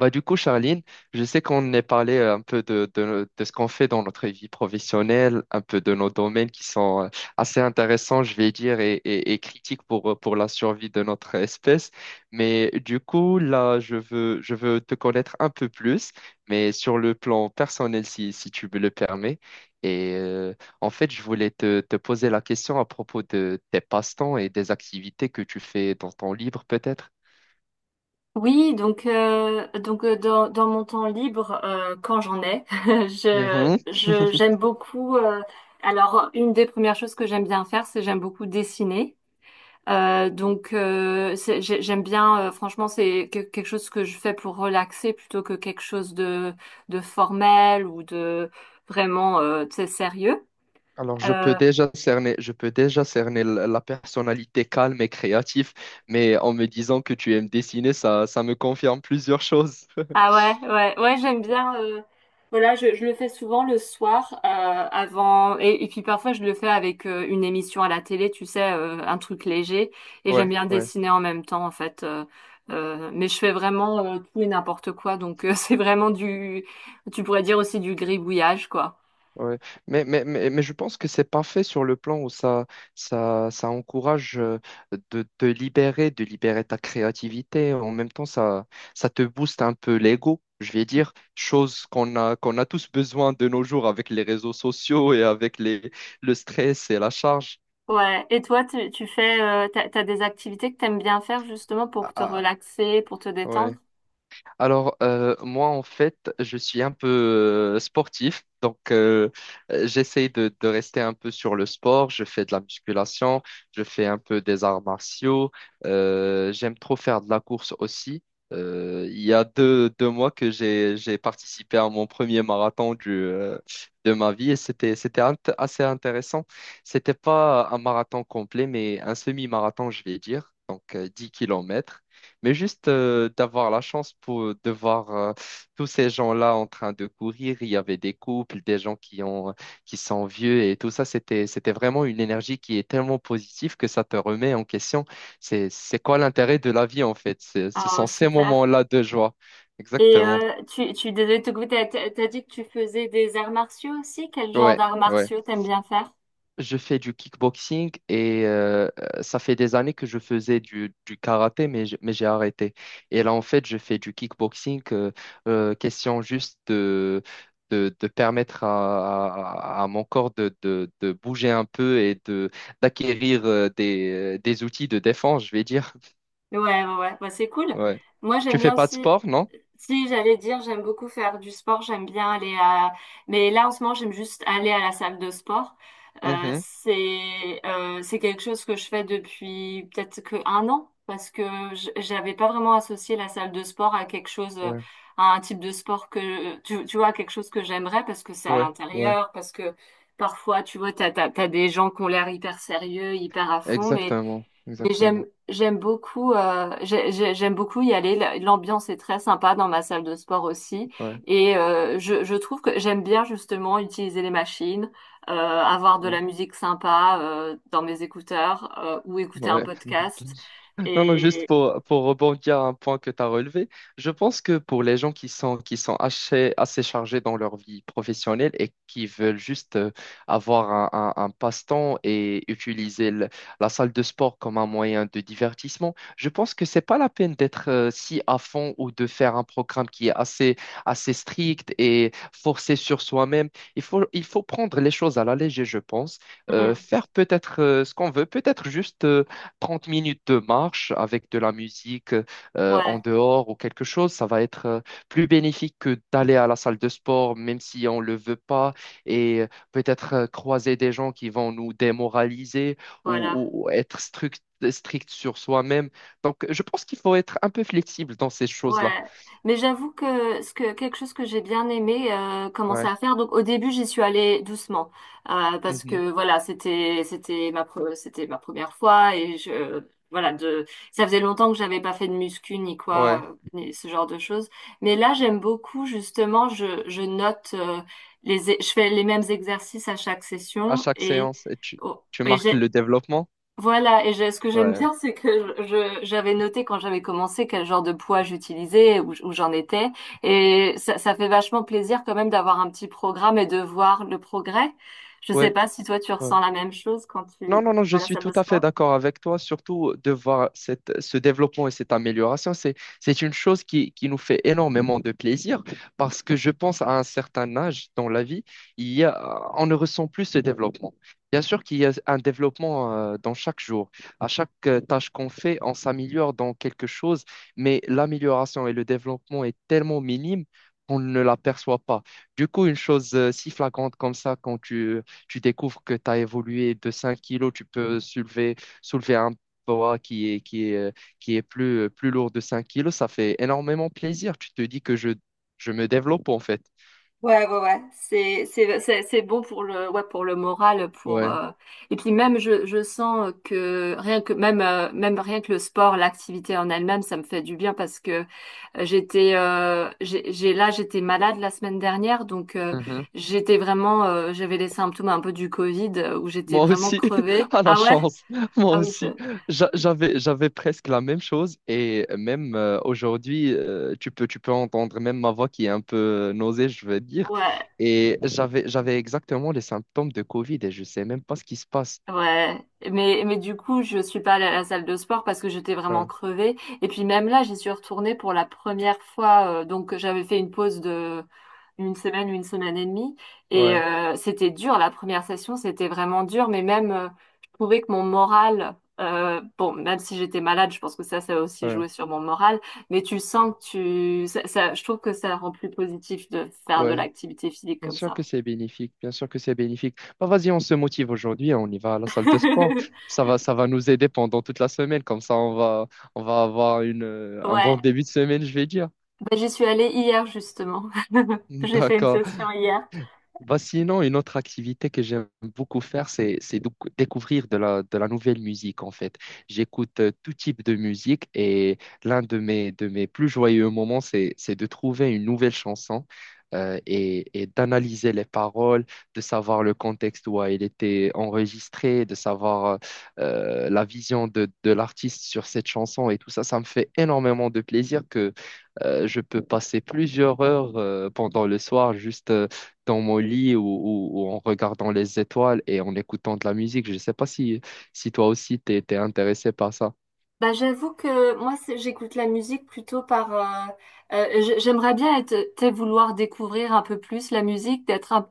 Bah, du coup, Charline, je sais qu'on ait parlé un peu de ce qu'on fait dans notre vie professionnelle, un peu de nos domaines qui sont assez intéressants, je vais dire, et critiques pour la survie de notre espèce. Mais du coup, là, je veux te connaître un peu plus, mais sur le plan personnel, si tu me le permets. Et euh, en fait, je voulais te poser la question à propos de tes passe-temps et des activités que tu fais dans ton livre, peut-être. Oui, dans mon temps libre, quand j'en ai, Mhm. je j'aime beaucoup. Alors une des premières choses que j'aime bien faire, c'est j'aime beaucoup dessiner. Donc c'est- j'ai- j'aime bien. Franchement, quelque chose que je fais pour relaxer plutôt que quelque chose de formel ou de vraiment tu sais, sérieux. Alors, je peux Euh, déjà cerner, je peux déjà cerner la personnalité calme et créative, mais en me disant que tu aimes dessiner, ça me confirme plusieurs choses. Ah ouais, ouais, ouais, j'aime bien. Voilà, je le fais souvent le soir et puis parfois je le fais avec une émission à la télé, tu sais, un truc léger. Et j'aime Ouais, bien ouais, dessiner en même temps, en fait. Mais je fais vraiment tout et n'importe quoi, c'est vraiment du, tu pourrais dire aussi du gribouillage, quoi. ouais. Mais je pense que c'est parfait sur le plan où ça encourage de te libérer, de libérer ta créativité. En même temps, ça te booste un peu l'ego, je vais dire, chose qu'on a tous besoin de nos jours avec les réseaux sociaux et avec les, le stress et la charge. Ouais. Et toi, tu fais, t'as des activités que t'aimes bien faire justement Ah, pour te ah, relaxer, pour te détendre? ouais. Alors, moi, en fait, je suis un peu sportif, donc j'essaye de rester un peu sur le sport. Je fais de la musculation, je fais un peu des arts martiaux, j'aime trop faire de la course aussi. Il y a deux mois que j'ai participé à mon premier marathon du, de ma vie et assez intéressant. C'était pas un marathon complet, mais un semi-marathon, je vais dire, donc 10 km. Mais juste d'avoir la chance pour, de voir tous ces gens-là en train de courir, il y avait des couples, des gens qui ont, qui sont vieux et tout ça, c'était vraiment une énergie qui est tellement positive que ça te remet en question. C'est quoi l'intérêt de la vie en fait? Ce Ah sont ces super. moments-là de joie. Et Exactement. Désolée de te goûter, t'as dit que tu faisais des arts martiaux aussi? Quel genre Ouais, d'arts ouais. martiaux t'aimes bien faire? Je fais du kickboxing et ça fait des années que je faisais du karaté, mais j'ai arrêté. Et là, en fait, je fais du kickboxing. Question juste de permettre à mon corps de bouger un peu et de d'acquérir des outils de défense, je vais dire. Ouais, ouais, ouais, bah, c'est cool. Ouais. Moi, j'aime Tu fais bien pas de aussi. sport, non? Si, j'allais dire, j'aime beaucoup faire du sport, j'aime bien aller à… Mais là, en ce moment, j'aime juste aller à la salle de sport. Mhm. C'est quelque chose que je fais depuis peut-être que un an, parce que j'avais pas vraiment associé la salle de sport à quelque chose, Ouais, à un type de sport que, tu vois, quelque chose que j'aimerais, parce que c'est à ouais, ouais. l'intérieur, parce que parfois, tu vois, t'as des gens qui ont l'air hyper sérieux, hyper à fond, mais Exactement, mais j'aime exactement. j'aime beaucoup euh, j'ai- j'ai- j'aime beaucoup y aller. L'ambiance est très sympa dans ma salle de sport aussi. Ouais. Et je trouve que j'aime bien justement utiliser les machines, avoir de Ouais. la musique sympa dans mes écouteurs ou écouter un Ouais. podcast. Non, non, juste Et pour rebondir à un point que tu as relevé, je pense que pour les gens qui sont assez, assez chargés dans leur vie professionnelle et qui veulent juste avoir un passe-temps et utiliser la salle de sport comme un moyen de divertissement, je pense que c'est pas la peine d'être si à fond ou de faire un programme qui est assez, assez strict et forcé sur soi-même. Il faut prendre les choses à la légère, je pense. Hmm, Faire peut-être ce qu'on veut, peut-être juste 30 minutes de marche avec de la musique en ouais, dehors ou quelque chose, ça va être plus bénéfique que d'aller à la salle de sport, même si on ne le veut pas, et peut-être croiser des gens qui vont nous démoraliser voilà. Ou être strict, strict sur soi-même. Donc, je pense qu'il faut être un peu flexible dans ces Ouais, choses-là. mais j'avoue que ce que quelque chose que j'ai bien aimé commencer Ouais. à faire. Donc au début j'y suis allée doucement parce Mhm. que voilà c'était c'était ma première fois et je voilà de ça faisait longtemps que j'avais pas fait de muscu ni quoi Ouais. Ni ce genre de choses. Mais là j'aime beaucoup justement je note je fais les mêmes exercices à chaque À session chaque et séance, et tu, oh, tu et marques j'ai le développement. voilà, ce que j'aime Ouais. bien, c'est que j'avais noté quand j'avais commencé quel genre de poids j'utilisais, où j'en étais, et ça fait vachement plaisir quand même d'avoir un petit programme et de voir le progrès. Je sais Ouais. pas si toi tu ressens la même chose quand Non, non, tu non, vas je à la suis salle de tout à fait sport. d'accord avec toi, surtout de voir ce développement et cette amélioration. C'est une chose qui nous fait énormément de plaisir parce que je pense à un certain âge dans la vie, on ne ressent plus ce développement. Bien sûr qu'il y a un développement dans chaque jour. À chaque tâche qu'on fait, on s'améliore dans quelque chose, mais l'amélioration et le développement est tellement minime qu'on ne l'aperçoit pas. Du coup, une chose si flagrante comme ça, quand tu découvres que tu as évolué de 5 kilos, tu peux soulever un poids qui est plus, plus lourd de 5 kilos, ça fait énormément plaisir. Tu te dis que je me développe en fait. C'est bon pour le, ouais, pour le moral, Ouais. Et puis même, je sens que rien que, même, même rien que le sport, l'activité en elle-même, ça me fait du bien parce que là, j'étais malade la semaine dernière, Mhm. j'étais vraiment, j'avais les symptômes un peu du Covid où j'étais Moi vraiment aussi, crevée. à la Ah ouais? chance, moi Ah oui, aussi. J'avais, j'avais presque la même chose et même aujourd'hui, tu peux entendre même ma voix qui est un peu nausée, je veux dire. ouais. Et j'avais exactement les symptômes de Covid et je sais même pas ce qui se passe. Ouais, mais du coup, je suis pas allée à la salle de sport parce que j'étais vraiment Ouais, crevée. Et puis même là, j'y suis retournée pour la première fois. Donc j'avais fait une pause de une semaine et demie. Et ouais. C'était dur, la première session, c'était vraiment dur. Mais même, je trouvais que mon moral, bon, même si j'étais malade, je pense que ça a aussi Ouais. joué sur mon moral. Mais tu sens que tu… Je trouve que ça rend plus positif de faire de Ouais, l'activité physique bien comme sûr que ça. c'est bénéfique, bien sûr que c'est bénéfique. Bah, vas-y, on se motive aujourd'hui, hein, on y va à la salle de sport. Ça va nous aider pendant toute la semaine, comme ça on va avoir un Ouais. bon début de semaine, je vais dire. Bah, j'y suis allée hier justement. J'ai fait une D'accord. session hier. Bah, sinon, une autre activité que j'aime beaucoup faire, découvrir de la nouvelle musique, en fait. J'écoute tout type de musique et l'un de mes plus joyeux moments, c'est de trouver une nouvelle chanson et d'analyser les paroles, de savoir le contexte où elle était enregistrée, de savoir la vision de l'artiste sur cette chanson et tout ça. Ça me fait énormément de plaisir que je peux passer plusieurs heures pendant le soir juste dans mon lit ou en regardant les étoiles et en écoutant de la musique. Je ne sais pas si, si toi aussi t'es intéressé par ça. Bah, j'avoue que moi j'écoute la musique plutôt. J'aimerais bien être, tu sais, vouloir découvrir un peu plus la musique, d'être un.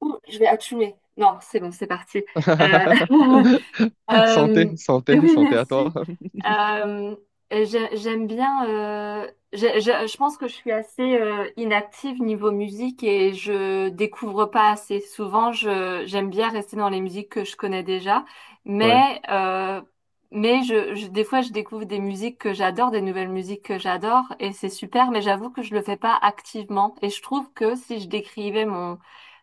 Ouh, je vais attumer. Non, c'est bon, c'est parti. Euh, Euh, Santé, santé, oui, santé à toi. merci. Euh, j'ai- j'aime bien. J'ai- Je pense que je suis assez inactive niveau musique et je découvre pas assez souvent. J'aime bien rester dans les musiques que je connais déjà, Ouais. mais des fois je découvre des musiques que j'adore, des nouvelles musiques que j'adore et c'est super. Mais j'avoue que je le fais pas activement et je trouve que si je décrivais mon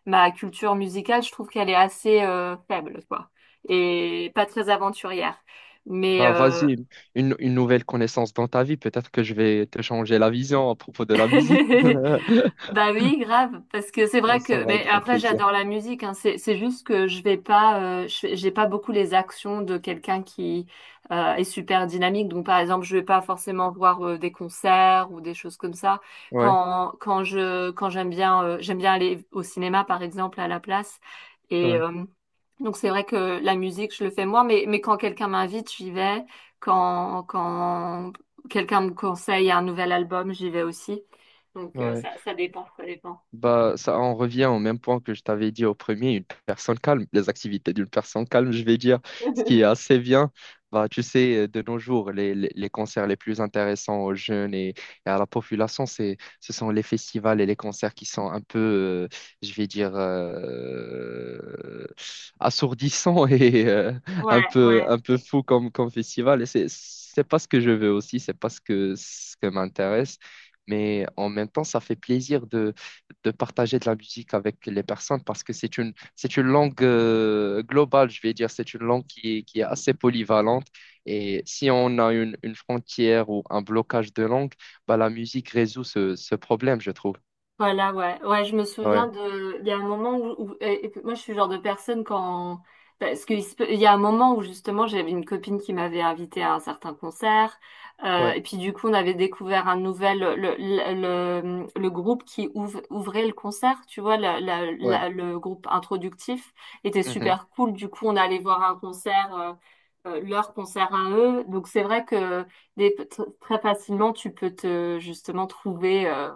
ma culture musicale, je trouve qu'elle est assez faible, quoi, et pas très aventurière. Mais Bah euh, vas-y, une nouvelle connaissance dans ta vie. Peut-être que je vais te changer la vision à propos de la musique. Bah oui, grave, parce que c'est Ça, vrai ça que. va Mais être un après, plaisir. j'adore la musique. Hein. C'est juste que je vais pas, je j'ai pas beaucoup les actions de quelqu'un qui est super dynamique. Donc par exemple, je vais pas forcément voir des concerts ou des choses comme ça. Ouais, Quand j'aime bien aller au cinéma par exemple à la place. Et ouais, euh, Donc c'est vrai que la musique, je le fais moi, mais quand quelqu'un m'invite, j'y vais. Quand quelqu'un me conseille un nouvel album, j'y vais aussi. Ouais. Ça dépend, ça dépend. Bah, ça en revient au même point que je t'avais dit au premier, une personne calme, les activités d'une personne calme, je vais dire, ce qui est assez bien. Bah, tu sais, de nos jours, les concerts les plus intéressants aux jeunes et à la population, ce sont les festivals et les concerts qui sont un peu, je vais dire, assourdissants et Ouais, ouais. un peu fous comme festival. Et c'est pas ce que je veux aussi, c'est pas ce que m'intéresse. Mais en même temps, ça fait plaisir de partager de la musique avec les personnes parce que c'est c'est une langue globale, je vais dire, c'est une langue qui est assez polyvalente. Et si on a une frontière ou un blocage de langue, bah, la musique résout ce problème, je trouve. Voilà, ouais. Ouais, je me souviens Ouais, de… Il y a un moment où… et puis moi, je suis le genre de personne quand… Parce qu'il y a un moment où, justement, j'avais une copine qui m'avait invitée à un certain concert. Ouais, Et puis, du coup, on avait découvert un nouvel… Le groupe qui ouvrait le concert, tu vois, ouais. Le groupe introductif était Mhm. super cool. Du coup, on allait voir un concert… leur concert à eux. Donc c'est vrai que très facilement tu peux te justement trouver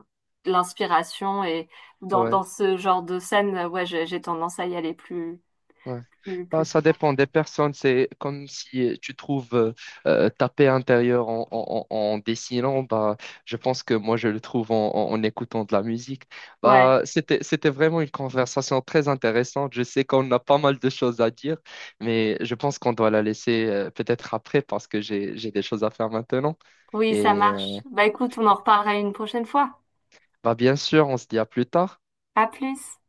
l'inspiration et Ouais. dans ce genre de scène, ouais, j'ai tendance à y aller Ouais. Plus Bah, ça souvent. dépend des personnes. C'est comme si tu trouves ta paix intérieure en dessinant. Bah, je pense que moi, je le trouve en écoutant de la musique. Ouais, Bah, c'était vraiment une conversation très intéressante. Je sais qu'on a pas mal de choses à dire, mais je pense qu'on doit la laisser peut-être après parce que j'ai des choses à faire maintenant. oui, ça Et euh, marche. Bah écoute, on en reparlera une prochaine fois. bah, bien sûr, on se dit à plus tard. À plus.